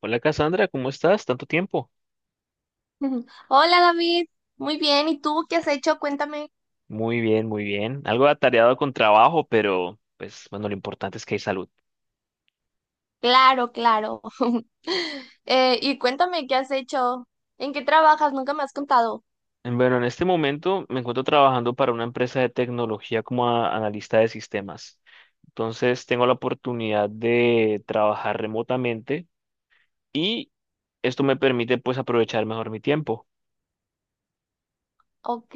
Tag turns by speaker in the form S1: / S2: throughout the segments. S1: Hola Cassandra, ¿cómo estás? ¿Tanto tiempo?
S2: Ujú. Hola David, muy bien. ¿Y tú qué has hecho? Cuéntame.
S1: Muy bien, muy bien. Algo atareado con trabajo, pero pues bueno, lo importante es que hay salud.
S2: Claro, claro. Y cuéntame qué has hecho. ¿En qué trabajas? Nunca me has contado.
S1: Bueno, en este momento me encuentro trabajando para una empresa de tecnología como analista de sistemas. Entonces tengo la oportunidad de trabajar remotamente y esto me permite pues aprovechar mejor mi tiempo.
S2: Ok,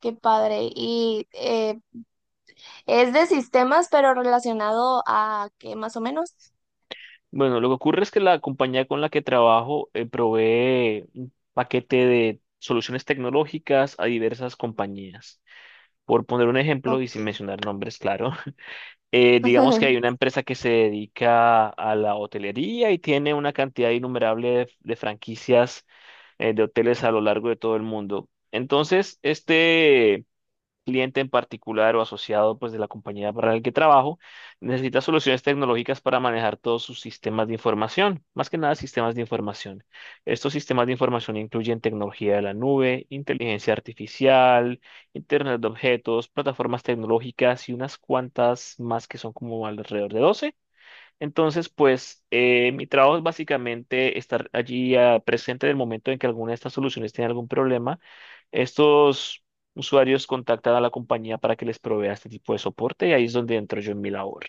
S2: qué padre. Y es de sistemas, pero relacionado a qué más o menos.
S1: Bueno, lo que ocurre es que la compañía con la que trabajo provee un paquete de soluciones tecnológicas a diversas compañías. Por poner un ejemplo y
S2: Ok.
S1: sin mencionar nombres, claro, digamos que hay una empresa que se dedica a la hotelería y tiene una cantidad innumerable de franquicias de hoteles a lo largo de todo el mundo. Entonces, este cliente en particular o asociado pues de la compañía para el que trabajo, necesita soluciones tecnológicas para manejar todos sus sistemas de información, más que nada sistemas de información. Estos sistemas de información incluyen tecnología de la nube, inteligencia artificial, Internet de objetos, plataformas tecnológicas y unas cuantas más que son como alrededor de 12. Entonces, pues mi trabajo es básicamente estar allí presente en el momento en que alguna de estas soluciones tiene algún problema, estos usuarios contactan a la compañía para que les provea este tipo de soporte y ahí es donde entro yo en mi labor.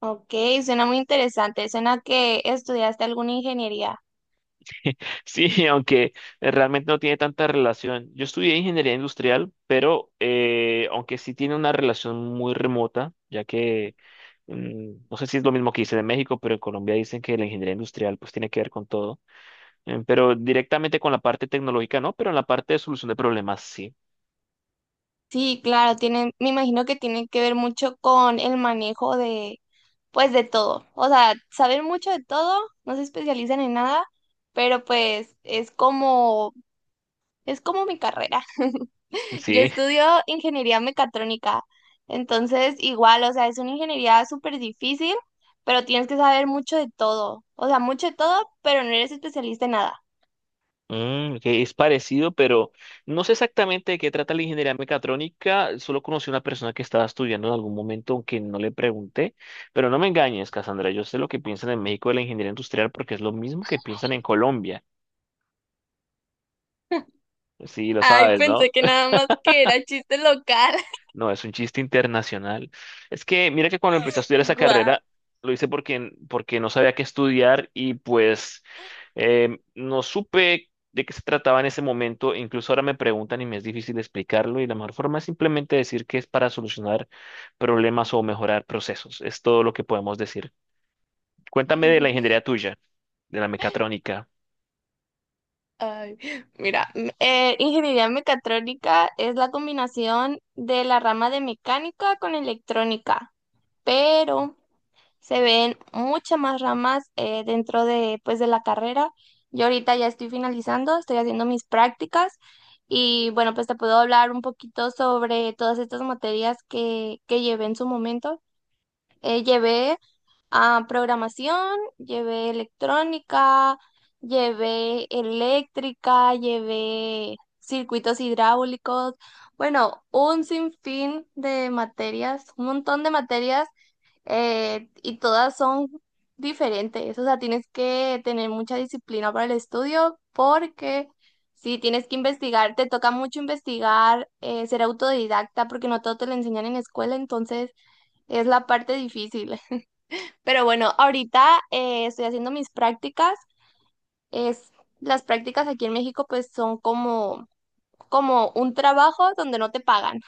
S2: Ok, suena muy interesante. Suena que estudiaste alguna ingeniería.
S1: Sí, aunque realmente no tiene tanta relación. Yo estudié ingeniería industrial, pero aunque sí tiene una relación muy remota, ya que no sé si es lo mismo que dicen en México, pero en Colombia dicen que la ingeniería industrial pues tiene que ver con todo. Pero directamente con la parte tecnológica no, pero en la parte de solución de problemas sí.
S2: Sí, claro, tienen, me imagino que tiene que ver mucho con el manejo de pues de todo. O sea, saber mucho de todo, no se especializan en nada, pero pues es como mi carrera. Yo
S1: Sí.
S2: estudio ingeniería mecatrónica, entonces igual, o sea, es una ingeniería súper difícil, pero tienes que saber mucho de todo. O sea, mucho de todo, pero no eres especialista en nada.
S1: Mm, que es parecido, pero no sé exactamente de qué trata la ingeniería mecatrónica. Solo conocí a una persona que estaba estudiando en algún momento, aunque no le pregunté. Pero no me engañes, Cassandra. Yo sé lo que piensan en México de la ingeniería industrial porque es lo mismo que piensan en Colombia. Sí, lo
S2: Ay,
S1: sabes,
S2: pensé
S1: ¿no?
S2: que nada más que era chiste local.
S1: No, es un chiste internacional. Es que mira que cuando empecé a estudiar esa
S2: Guau.
S1: carrera, lo hice porque, porque no sabía qué estudiar y pues. No supe de qué se trataba en ese momento, incluso ahora me preguntan y me es difícil explicarlo y la mejor forma es simplemente decir que es para solucionar problemas o mejorar procesos. Es todo lo que podemos decir. Cuéntame de la ingeniería tuya, de la mecatrónica
S2: Ay, mira, ingeniería mecatrónica es la combinación de la rama de mecánica con electrónica, pero se ven muchas más ramas dentro de, pues, de la carrera. Yo ahorita ya estoy finalizando, estoy haciendo mis prácticas y bueno, pues te puedo hablar un poquito sobre todas estas materias que llevé en su momento. Eh, llevé programación, llevé electrónica, llevé eléctrica, llevé circuitos hidráulicos, bueno, un sinfín de materias, un montón de materias y todas son diferentes. O sea, tienes que tener mucha disciplina para el estudio porque si tienes que investigar, te toca mucho investigar, ser autodidacta porque no todo te lo enseñan en la escuela, entonces es la parte difícil. Pero bueno, ahorita estoy haciendo mis prácticas. Es, las prácticas aquí en México pues son como, como un trabajo donde no te pagan.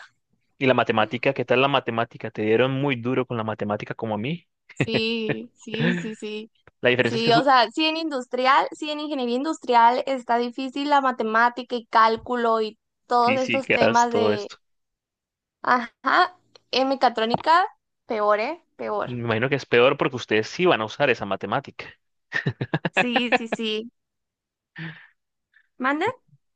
S1: y la matemática. ¿Qué tal la matemática? ¿Te dieron muy duro con la matemática como a mí?
S2: Sí, sí, sí, sí.
S1: La diferencia es que
S2: Sí, o
S1: son
S2: sea, sí en industrial, sí en ingeniería industrial está difícil la matemática y cálculo y todos estos
S1: físicas,
S2: temas
S1: todo
S2: de,
S1: esto.
S2: ajá, en mecatrónica, peor, ¿eh?
S1: Me
S2: Peor.
S1: imagino que es peor porque ustedes sí van a usar esa matemática.
S2: Sí, sí, sí. ¿Mande?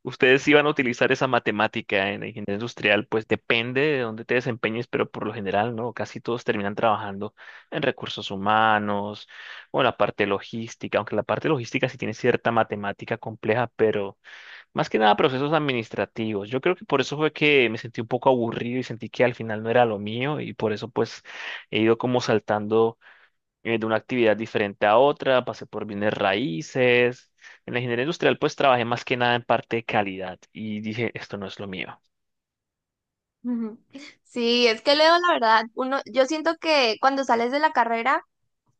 S1: Ustedes iban a utilizar esa matemática en la ingeniería industrial, pues depende de dónde te desempeñes, pero por lo general, ¿no? Casi todos terminan trabajando en recursos humanos o en la parte logística, aunque la parte logística sí tiene cierta matemática compleja, pero más que nada procesos administrativos. Yo creo que por eso fue que me sentí un poco aburrido y sentí que al final no era lo mío y por eso pues he ido como saltando de una actividad diferente a otra, pasé por bienes raíces. En la ingeniería industrial, pues trabajé más que nada en parte de calidad y dije, esto no es lo mío.
S2: Ujú. Sí, es que Leo, la verdad, uno, yo siento que cuando sales de la carrera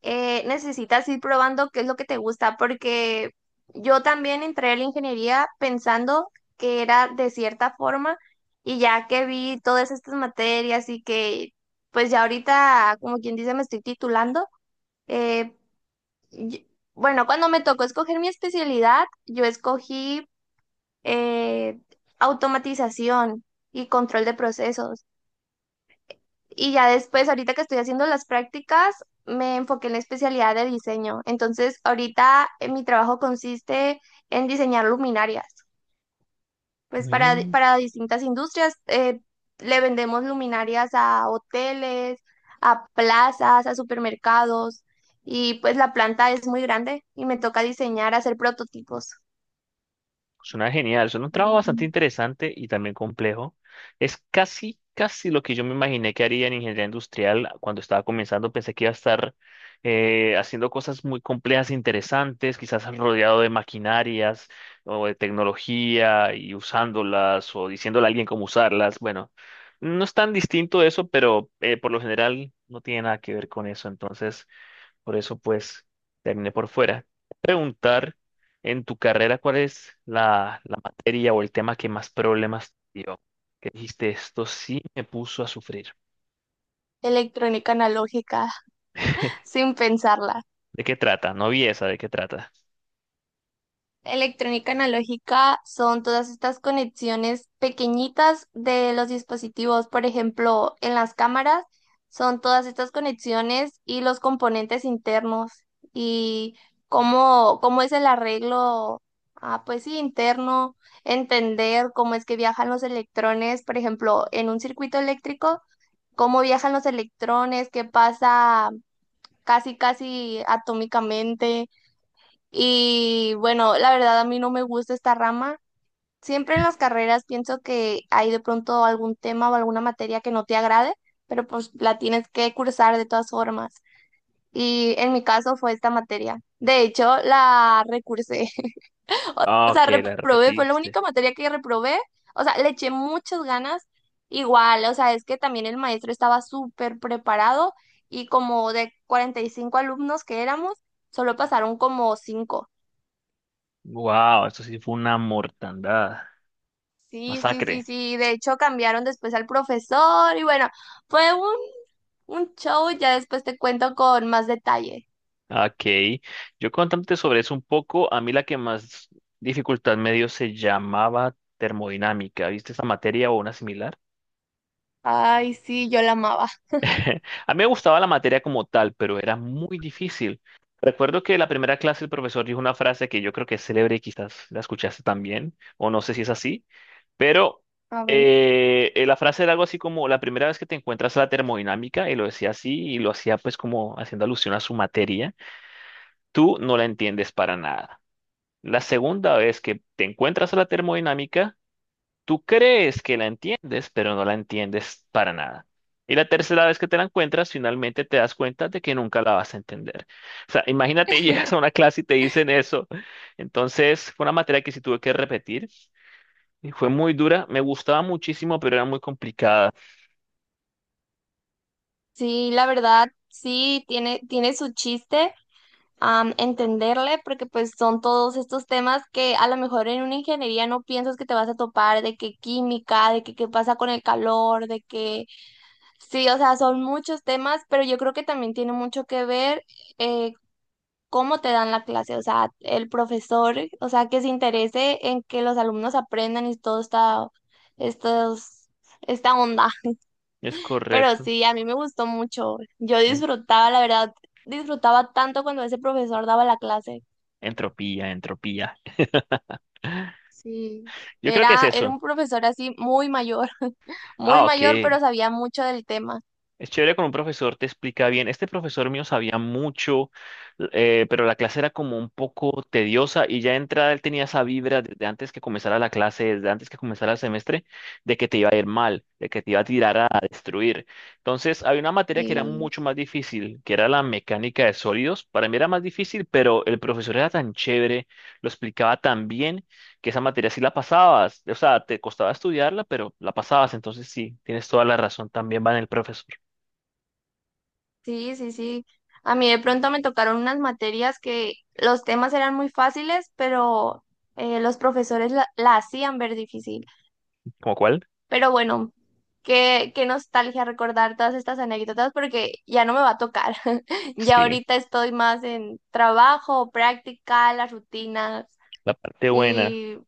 S2: necesitas ir probando qué es lo que te gusta, porque yo también entré a la ingeniería pensando que era de cierta forma y ya que vi todas estas materias y que pues ya ahorita, como quien dice, me estoy titulando, eh, y- bueno, cuando me tocó escoger mi especialidad, yo escogí eh, automatización y control de procesos. Y ya después, ahorita que estoy haciendo las prácticas, me enfoqué en la especialidad de diseño. Entonces, ahorita mi trabajo consiste en diseñar luminarias. Pues
S1: Mm.
S2: para distintas industrias, le vendemos luminarias a hoteles, a plazas, a supermercados. Y pues la planta es muy grande y me toca diseñar, hacer prototipos.
S1: Suena genial, suena un trabajo bastante
S2: Mm.
S1: interesante y también complejo. Es casi, casi lo que yo me imaginé que haría en ingeniería industrial cuando estaba comenzando. Pensé que iba a estar haciendo cosas muy complejas e interesantes, quizás rodeado de maquinarias o de tecnología y usándolas o diciéndole a alguien cómo usarlas. Bueno, no es tan distinto eso, pero por lo general no tiene nada que ver con eso. Entonces... por eso, pues, terminé por fuera. Preguntar, en tu carrera, ¿cuál es la materia o el tema que más problemas te dio? Que dijiste, esto sí me puso a sufrir.
S2: Electrónica analógica, sin pensarla.
S1: ¿De qué trata? No vi esa, ¿de qué trata?
S2: Electrónica analógica son todas estas conexiones pequeñitas de los dispositivos, por ejemplo, en las cámaras son todas estas conexiones y los componentes internos y cómo, cómo es el arreglo, ah, pues sí, interno, entender cómo es que viajan los electrones, por ejemplo, en un circuito eléctrico, cómo viajan los electrones, qué pasa casi, casi atómicamente y bueno, la verdad a mí no me gusta esta rama. Siempre en las carreras pienso que hay de pronto algún tema o alguna materia que no te agrade, pero pues la tienes que cursar de todas formas. Y en mi caso fue esta materia. De hecho, la recursé. O
S1: Ah,
S2: sea,
S1: que la
S2: reprobé, fue la
S1: repetiste.
S2: única materia que reprobé. O sea, le eché muchas ganas. Igual, o sea, es que también el maestro estaba súper preparado y como de 45 alumnos que éramos, solo pasaron como 5.
S1: Wow, esto sí fue una mortandad.
S2: Sí, sí, sí,
S1: Masacre.
S2: sí. De hecho, cambiaron después al profesor y bueno, fue un show. Ya después te cuento con más detalle.
S1: Ok. Yo contándote sobre eso un poco, a mí la que más dificultad me dio se llamaba termodinámica. ¿Viste esa materia o una similar?
S2: Ay, sí, yo la amaba.
S1: A mí me gustaba la materia como tal, pero era muy difícil. Recuerdo que la primera clase el profesor dijo una frase que yo creo que es célebre y quizás la escuchaste también, o no sé si es así, pero
S2: A ver.
S1: la frase era algo así como la primera vez que te encuentras a la termodinámica, y lo decía así, y lo hacía pues como haciendo alusión a su materia, tú no la entiendes para nada. La segunda vez que te encuentras a la termodinámica, tú crees que la entiendes, pero no la entiendes para nada. Y la tercera vez que te la encuentras, finalmente te das cuenta de que nunca la vas a entender. O sea, imagínate, llegas a una clase y te dicen eso. Entonces, fue una materia que sí tuve que repetir y fue muy dura. Me gustaba muchísimo, pero era muy complicada.
S2: Sí, la verdad, sí, tiene su chiste, entenderle, porque pues son todos estos temas que a lo mejor en una ingeniería no piensas que te vas a topar, de que química, de que qué pasa con el calor, de que... Sí, o sea, son muchos temas, pero yo creo que también tiene mucho que ver eh, cómo te dan la clase, o sea, el profesor, o sea, que se interese en que los alumnos aprendan y todo esta, estos, esta onda.
S1: Es
S2: Pero
S1: correcto.
S2: sí, a mí me gustó mucho. Yo
S1: En-
S2: disfrutaba, la verdad, disfrutaba tanto cuando ese profesor daba la clase.
S1: Entropía, entropía.
S2: Sí,
S1: Yo creo que es
S2: era
S1: eso.
S2: un profesor así muy mayor, muy
S1: Ah, ok.
S2: mayor, pero sabía mucho del tema.
S1: Es chévere con un profesor, te explica bien. Este profesor mío sabía mucho, pero la clase era como un poco tediosa y ya de entrada él tenía esa vibra desde antes que comenzara la clase, desde antes que comenzara el semestre, de que te iba a ir mal, de que te iba a tirar a destruir. Entonces, había una materia que era
S2: Sí.
S1: mucho más difícil, que era la mecánica de sólidos. Para mí era más difícil, pero el profesor era tan chévere, lo explicaba tan bien, que esa materia sí la pasabas. O sea, te costaba estudiarla, pero la pasabas. Entonces, sí, tienes toda la razón. También va en el profesor.
S2: Sí, sí, sí. A mí de pronto me tocaron unas materias que los temas eran muy fáciles, pero los profesores la hacían ver difícil.
S1: ¿Cómo cuál?
S2: Pero bueno, qué nostalgia recordar todas estas anécdotas porque ya no me va a tocar. Ya
S1: Sí,
S2: ahorita estoy más en trabajo, práctica, las rutinas
S1: la parte buena.
S2: y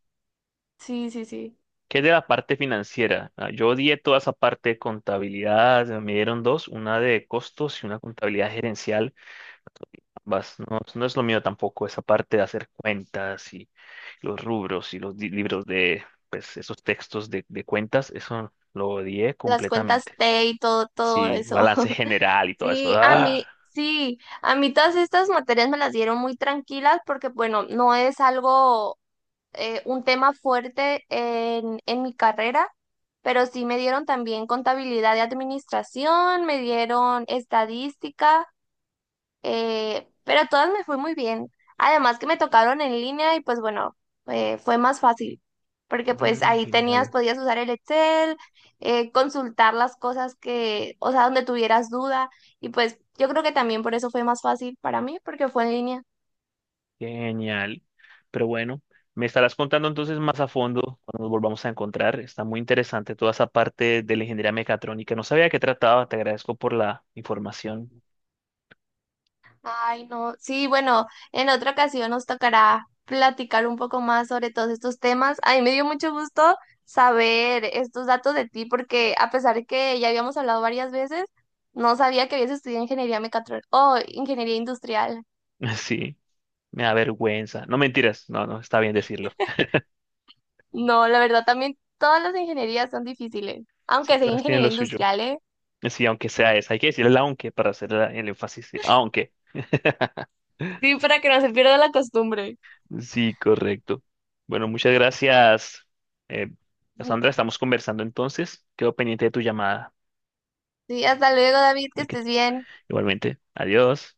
S2: sí, sí, sí.
S1: ¿Qué es de la parte financiera? Ah, yo odié toda esa parte de contabilidad, me dieron dos, una de costos y una contabilidad gerencial. Ambas, no, no es lo mío tampoco, esa parte de hacer cuentas y los rubros y los libros de, pues, esos textos de cuentas, eso lo odié
S2: Las cuentas
S1: completamente.
S2: T y todo, todo
S1: Sí,
S2: eso.
S1: balance general y todo eso. ¡Ah!
S2: Sí, a mí todas estas materias me las dieron muy tranquilas porque, bueno, no es algo, un tema fuerte en mi carrera, pero sí me dieron también contabilidad y administración, me dieron estadística pero todas me fue muy bien. Además que me tocaron en línea y pues bueno, fue más fácil, porque pues
S1: Mm,
S2: ahí tenías,
S1: genial.
S2: podías usar el Excel, consultar las cosas que, o sea, donde tuvieras duda y pues yo creo que también por eso fue más fácil para mí, porque fue en línea.
S1: Genial. Pero bueno, me estarás contando entonces más a fondo cuando nos volvamos a encontrar. Está muy interesante toda esa parte de la ingeniería mecatrónica. No sabía de qué trataba. Te agradezco por la información.
S2: Ay, no. Sí, bueno, en otra ocasión nos tocará platicar un poco más sobre todos estos temas. A mí me dio mucho gusto saber estos datos de ti porque a pesar de que ya habíamos hablado varias veces, no sabía que habías estudiado ingeniería mecatrónica o ingeniería industrial.
S1: Sí, me da vergüenza. No mentiras. No, no, está bien decirlo.
S2: No, la verdad también todas las ingenierías son difíciles,
S1: Si
S2: aunque sea
S1: todas tienen
S2: ingeniería
S1: lo suyo.
S2: industrial, ¿eh?
S1: Sí, aunque sea esa. Hay que decir el aunque para hacer el énfasis. Aunque.
S2: Sí, para que no se pierda la costumbre.
S1: Sí, correcto. Bueno, muchas gracias, eh, Cassandra. Estamos conversando entonces. Quedo pendiente de tu llamada.
S2: Sí, hasta luego, David, que
S1: Ok,
S2: estés bien.
S1: igualmente. Adiós.